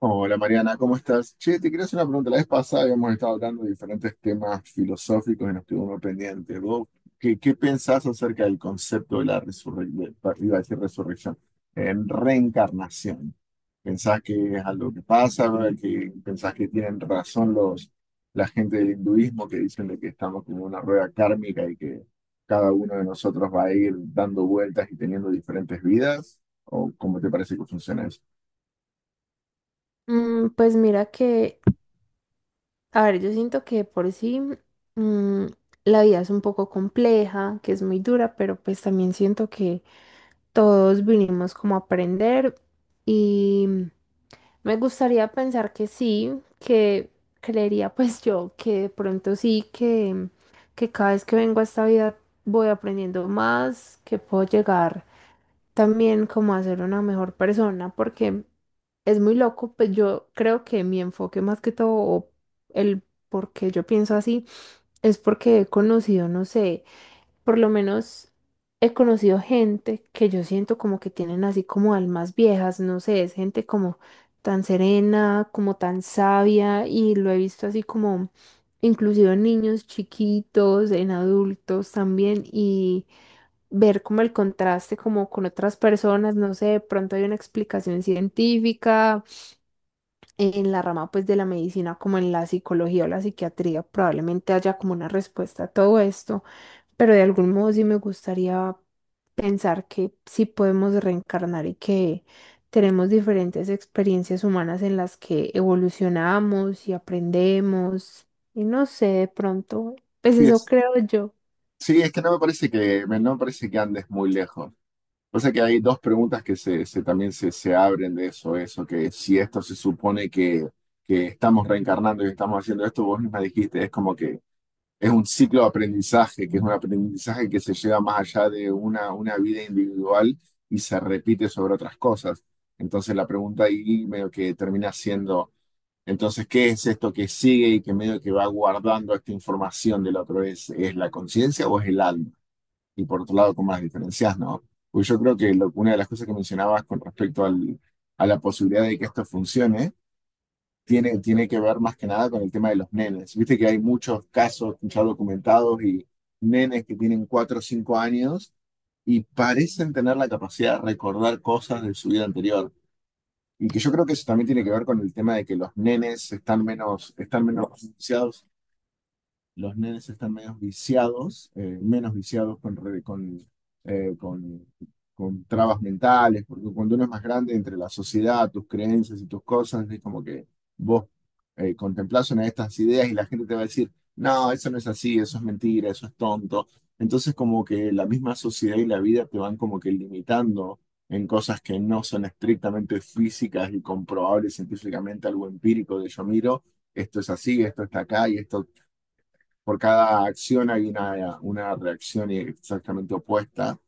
Hola Mariana, ¿cómo estás? Che, te quería hacer una pregunta. La vez pasada habíamos estado hablando de diferentes temas filosóficos y nos quedó uno pendiente. ¿Vos qué pensás acerca del concepto de la resurrección? Iba a decir resurrección. En reencarnación. ¿Pensás que es algo que pasa? ¿Que pensás que tienen razón la gente del hinduismo que dicen de que estamos como en una rueda kármica y que cada uno de nosotros va a ir dando vueltas y teniendo diferentes vidas? ¿O cómo te parece que funciona eso? Pues mira que, a ver, yo siento que por sí mm, la vida es un poco compleja, que es muy dura, pero pues también siento que todos vinimos como a aprender y me gustaría pensar que sí, que creería pues yo que de pronto sí, que cada vez que vengo a esta vida voy aprendiendo más, que puedo llegar también como a ser una mejor persona, porque es muy loco, pues yo creo que mi enfoque más que todo, o el por qué yo pienso así, es porque he conocido, no sé, por lo menos he conocido gente que yo siento como que tienen así como almas viejas, no sé, es gente como tan serena, como tan sabia y lo he visto así como inclusive en niños chiquitos, en adultos también y ver como el contraste como con otras personas, no sé, de pronto hay una explicación científica, en la rama pues de la medicina como en la psicología o la psiquiatría probablemente haya como una respuesta a todo esto, pero de algún modo sí me gustaría pensar que sí podemos reencarnar y que tenemos diferentes experiencias humanas en las que evolucionamos y aprendemos y no sé, de pronto, pues eso creo yo. Sí, es que no me parece que, no me parece que andes muy lejos. O sea que hay dos preguntas que también se abren de eso, que si esto se supone que estamos reencarnando y estamos haciendo esto, vos misma dijiste, es como que es un ciclo de aprendizaje, que es un aprendizaje que se lleva más allá de una vida individual y se repite sobre otras cosas. Entonces la pregunta ahí medio que termina siendo, entonces, ¿qué es esto que sigue y que medio que va guardando esta información de la otra vez? ¿Es la conciencia o es el alma? Y por otro lado, cómo las diferencias, ¿no? Pues yo creo que una de las cosas que mencionabas con respecto a la posibilidad de que esto funcione, tiene que ver más que nada con el tema de los nenes. Viste que hay muchos casos ya documentados y nenes que tienen 4 o 5 años y parecen tener la capacidad de recordar cosas de su vida anterior. Y que yo creo que eso también tiene que ver con el tema de que los nenes están menos los nenes están menos viciados con, eh, con, con trabas mentales, porque cuando uno es más grande entre la sociedad, tus creencias y tus cosas, es como que vos contemplás una de estas ideas y la gente te va a decir, no, eso no es así, eso es mentira, eso es tonto. Entonces como que la misma sociedad y la vida te van como que limitando en cosas que no son estrictamente físicas y comprobables científicamente, algo empírico de yo miro esto es así, esto está acá y esto por cada acción hay una reacción exactamente opuesta.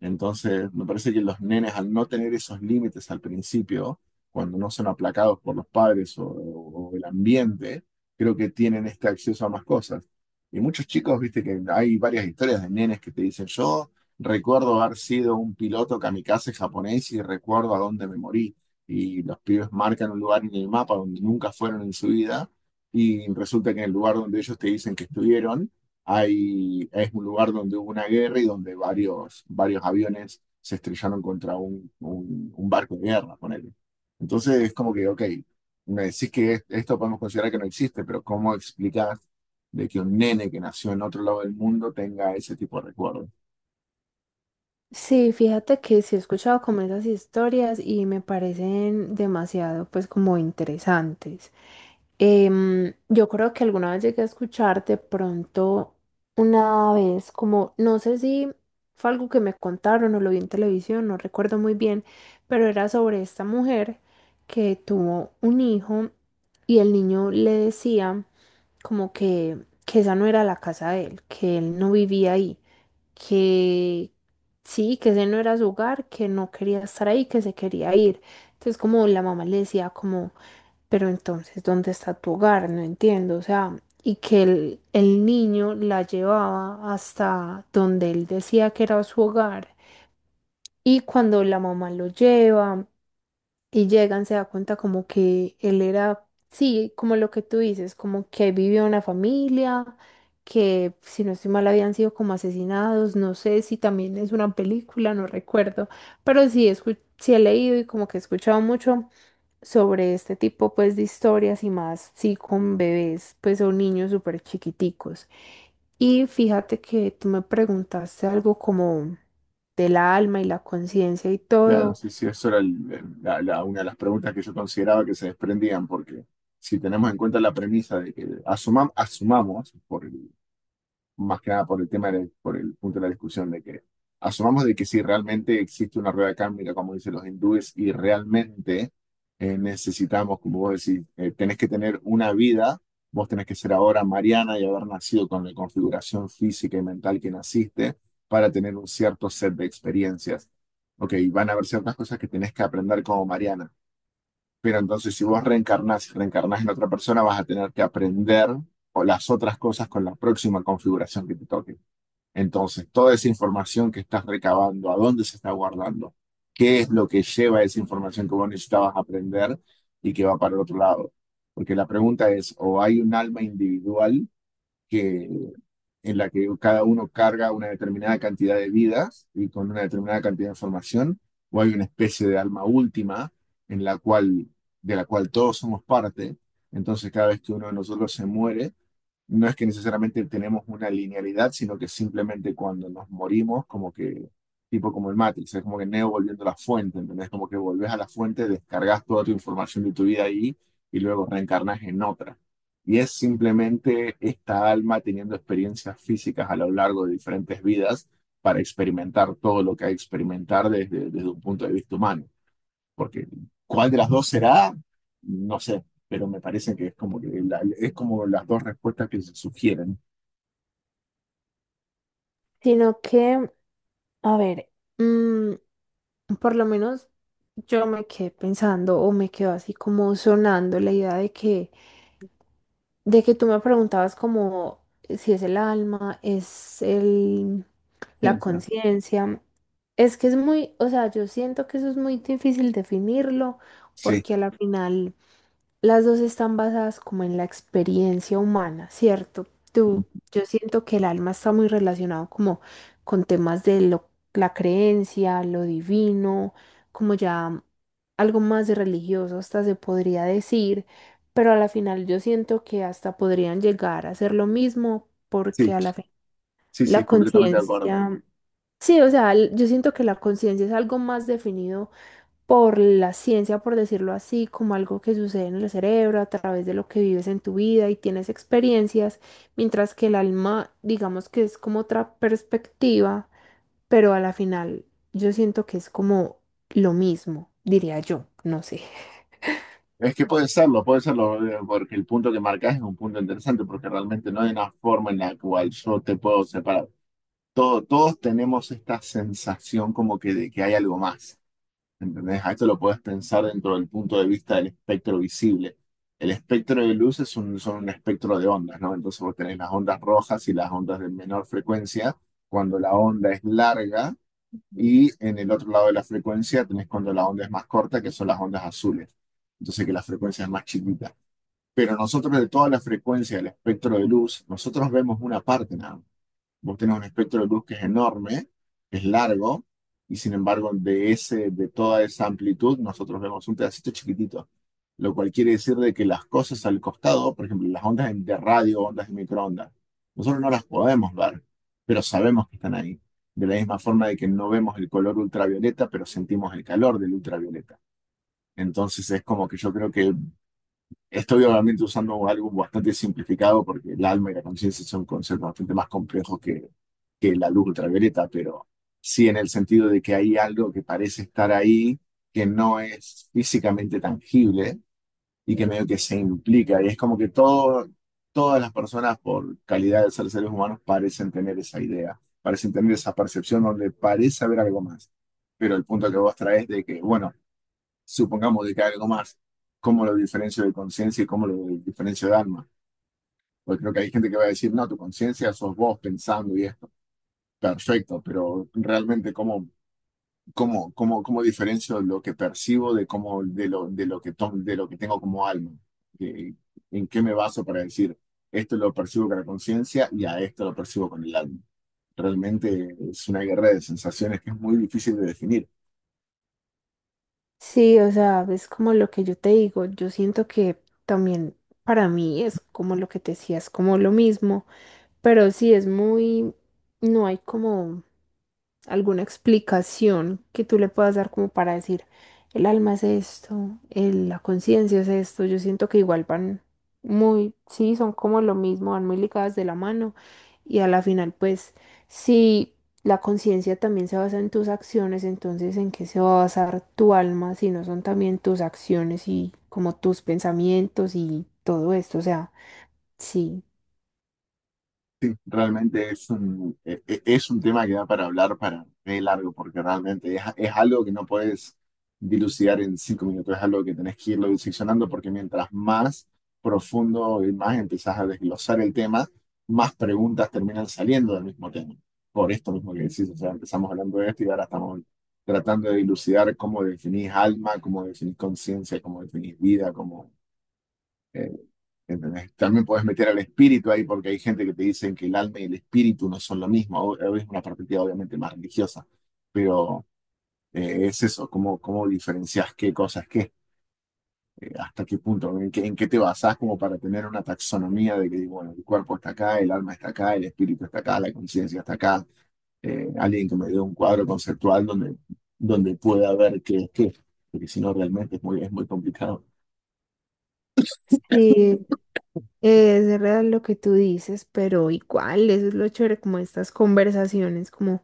Entonces, me parece que los nenes al no tener esos límites al principio, cuando no son aplacados por los padres o el ambiente, creo que tienen este acceso a más cosas. Y muchos chicos, viste que hay varias historias de nenes que te dicen, yo recuerdo haber sido un piloto kamikaze japonés y recuerdo a dónde me morí. Y los pibes marcan un lugar en el mapa donde nunca fueron en su vida y resulta que en el lugar donde ellos te dicen que estuvieron, hay, es un lugar donde hubo una guerra y donde varios aviones se estrellaron contra un barco de guerra, ponele. Entonces es como que, ok, me decís que esto podemos considerar que no existe, pero ¿cómo explicás de que un nene que nació en otro lado del mundo tenga ese tipo de recuerdos? Sí, fíjate que sí he escuchado como esas historias y me parecen demasiado pues como interesantes. Yo creo que alguna vez llegué a escuchar de pronto una vez como, no sé si fue algo que me contaron o lo vi en televisión, no recuerdo muy bien, pero era sobre esta mujer que tuvo un hijo y el niño le decía como que esa no era la casa de él, que él no vivía ahí, que, sí, que ese no era su hogar, que no quería estar ahí, que se quería ir. Entonces como la mamá le decía como, pero entonces, ¿dónde está tu hogar? No entiendo, o sea, y que el niño la llevaba hasta donde él decía que era su hogar. Y cuando la mamá lo lleva, y llegan, se da cuenta como que él era, sí, como lo que tú dices, como que vivió una familia, que si no estoy mal habían sido como asesinados, no sé si también es una película, no recuerdo, pero sí, sí he leído y como que he escuchado mucho sobre este tipo pues de historias y más, sí, con bebés, pues o niños súper chiquiticos. Y fíjate que tú me preguntaste algo como de la alma y la conciencia y Claro, todo, sí, sí, eso era una de las preguntas que yo consideraba que se desprendían, porque si tenemos en cuenta la premisa de que asumamos, por más que nada por el tema, por el punto de la discusión de que asumamos de que si realmente existe una rueda kármica, como dicen los hindúes, y realmente necesitamos, como vos decís, tenés que tener una vida, vos tenés que ser ahora Mariana y haber nacido con la configuración física y mental que naciste para tener un cierto set de experiencias. Ok, van a haber ciertas cosas que tenés que aprender como Mariana. Pero entonces, si vos reencarnás y reencarnás en otra persona, vas a tener que aprender o las otras cosas con la próxima configuración que te toque. Entonces, toda esa información que estás recabando, a dónde se está guardando, qué es lo que lleva esa información que vos necesitabas aprender y que va para el otro lado. Porque la pregunta es, o hay un alma individual que, en la que cada uno carga una determinada cantidad de vidas y con una determinada cantidad de información, o hay una especie de alma última en la cual, de la cual todos somos parte. Entonces, cada vez que uno de nosotros se muere, no es que necesariamente tenemos una linealidad, sino que simplemente cuando nos morimos, como que, tipo como el Matrix, es como que Neo volviendo a la fuente, ¿entendés? Como que volvés a la fuente, descargas toda tu información de tu vida ahí y luego reencarnas en otra. Y es simplemente esta alma teniendo experiencias físicas a lo largo de diferentes vidas para experimentar todo lo que hay que experimentar desde un punto de vista humano porque cuál de las dos será, no sé, pero me parece que es como que es como las dos respuestas que se sugieren. sino que... A ver, mm, por lo menos yo me quedé pensando o me quedó así como sonando la idea de que tú me preguntabas como si es el alma, es el, Sí, o la sea, conciencia. Es que es muy, o sea, yo siento que eso es muy difícil definirlo sí, porque a la final las dos están basadas como en la experiencia humana, ¿cierto? Tú, yo siento que el alma está muy relacionado como con temas de lo la creencia, lo divino, como ya algo más religioso hasta se podría decir, pero a la final yo siento que hasta podrían llegar a ser lo mismo sí, porque a la fin sí, la sí, completamente de acuerdo. conciencia, sí, o sea, yo siento que la conciencia es algo más definido por la ciencia, por decirlo así, como algo que sucede en el cerebro a través de lo que vives en tu vida y tienes experiencias, mientras que el alma, digamos que es como otra perspectiva pero a la final yo siento que es como lo mismo, diría yo, no sé. Es que puede serlo, porque el punto que marcas es un punto interesante, porque realmente no hay una forma en la cual yo te puedo separar. Todos tenemos esta sensación como que de que hay algo más. ¿Entendés? A esto lo puedes pensar dentro del punto de vista del espectro visible. El espectro de luz es un, son un espectro de ondas, ¿no? Entonces vos tenés las ondas rojas y las ondas de menor frecuencia cuando la onda es larga y en el otro lado de la frecuencia tenés cuando la onda es más corta, que son las ondas azules. Entonces que la frecuencia es más chiquita. Pero nosotros de toda la frecuencia del espectro de luz, nosotros vemos una parte nada más. Vos tenés un espectro de luz que es enorme, es largo, y sin embargo de ese, de toda esa amplitud nosotros vemos un pedacito chiquitito, lo cual quiere decir de que las cosas al costado, por ejemplo, las ondas de radio, ondas de microondas, nosotros no las podemos ver, pero sabemos que están ahí. De la misma forma de que no vemos el color ultravioleta, pero sentimos el calor del ultravioleta. Entonces es como que yo creo que estoy obviamente usando algo bastante simplificado porque el alma y la conciencia son conceptos bastante más complejos que la luz ultravioleta, pero sí en el sentido de que hay algo que parece estar ahí, que no es físicamente tangible y que medio que se implica. Y es como que todo, todas las personas, por calidad de ser seres humanos, parecen tener esa idea, parecen tener esa percepción donde parece haber algo más. Pero el punto que vos traes de que, bueno, supongamos de que hay algo más, ¿cómo lo diferencio de conciencia y cómo lo diferencio de alma? Porque creo que hay gente que va a decir, no, tu conciencia sos vos pensando y esto. Perfecto, pero realmente cómo diferencio lo que percibo de de lo que de lo que tengo como alma. Eh, ¿En qué me baso para decir esto lo percibo con la conciencia y a esto lo percibo con el alma? Realmente es una guerra de sensaciones que es muy difícil de definir. Sí, o sea, es como lo que yo te digo, yo siento que también para mí es como lo que te decía, es como lo mismo, pero sí es muy, no hay como... alguna explicación que tú le puedas dar como para decir, el alma es esto, la conciencia es esto, yo siento que igual van muy, sí, son como lo mismo, van muy ligadas de la mano y a la final pues si la conciencia también se basa en tus acciones, entonces ¿en qué se va a basar tu alma si no son también tus acciones y como tus pensamientos y todo esto? O sea, sí. Sí, realmente es un, es un tema que da para hablar para re largo, porque realmente es algo que no puedes dilucidar en 5 minutos, es algo que tenés que irlo diseccionando, porque mientras más profundo y más empezás a desglosar el tema, más preguntas terminan saliendo del mismo tema. Por esto mismo que decís, o sea, empezamos hablando de esto y ahora estamos tratando de dilucidar cómo definís alma, cómo definís conciencia, cómo definís vida, cómo... eh, ¿entendés? También puedes meter al espíritu ahí porque hay gente que te dicen que el alma y el espíritu no son lo mismo. Es una perspectiva obviamente más religiosa, pero es eso, cómo diferencias qué cosas qué, hasta qué punto, en qué te basás como para tener una taxonomía de que, bueno, el cuerpo está acá, el alma está acá, el espíritu está acá, la conciencia está acá. Alguien que me dé un cuadro conceptual donde pueda ver qué es qué, porque si no realmente es es muy complicado. Sí, es real lo que tú dices, pero igual, eso es lo chévere como estas conversaciones, como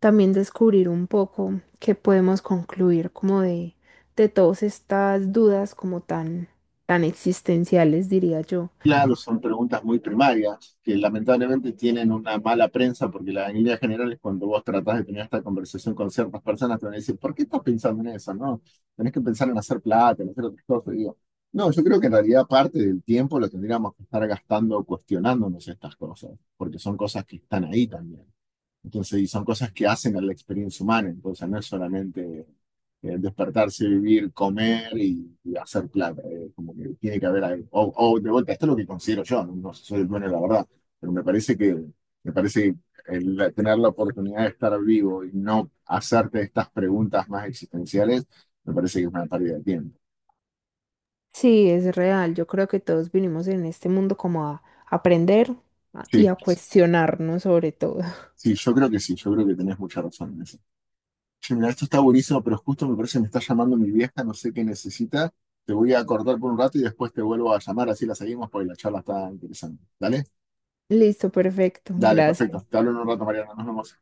también descubrir un poco qué podemos concluir como de todas estas dudas como tan, tan existenciales, diría yo. Claro, son preguntas muy primarias que lamentablemente tienen una mala prensa porque en líneas generales cuando vos tratás de tener esta conversación con ciertas personas te van a decir, ¿por qué estás pensando en eso? No, tenés que pensar en hacer plata, en hacer otras cosas. Y digo, no, yo creo que en realidad parte del tiempo lo tendríamos que estar gastando cuestionándonos estas cosas, porque son cosas que están ahí también. Entonces, y son cosas que hacen a la experiencia humana. Entonces, no es solamente despertarse, vivir, comer y hacer plata. Como que tiene que haber algo. De vuelta, esto es lo que considero yo. No, no soy el dueño de la verdad. Pero me parece me parece que el tener la oportunidad de estar vivo y no hacerte estas preguntas más existenciales, me parece que es una pérdida de tiempo. Sí, es real, yo creo que todos vinimos en este mundo como a aprender y Sí, a cuestionarnos sobre todo. sí, yo creo que sí. Yo creo que tenés mucha razón en eso. Che, mirá, esto está buenísimo, pero justo me parece que me está llamando mi vieja, no sé qué necesita. Te voy a cortar por un rato y después te vuelvo a llamar, así la seguimos, porque la charla está interesante. ¿Dale? Listo, perfecto, Dale, perfecto. gracias. Te hablo en un rato, Mariana. Nos vemos.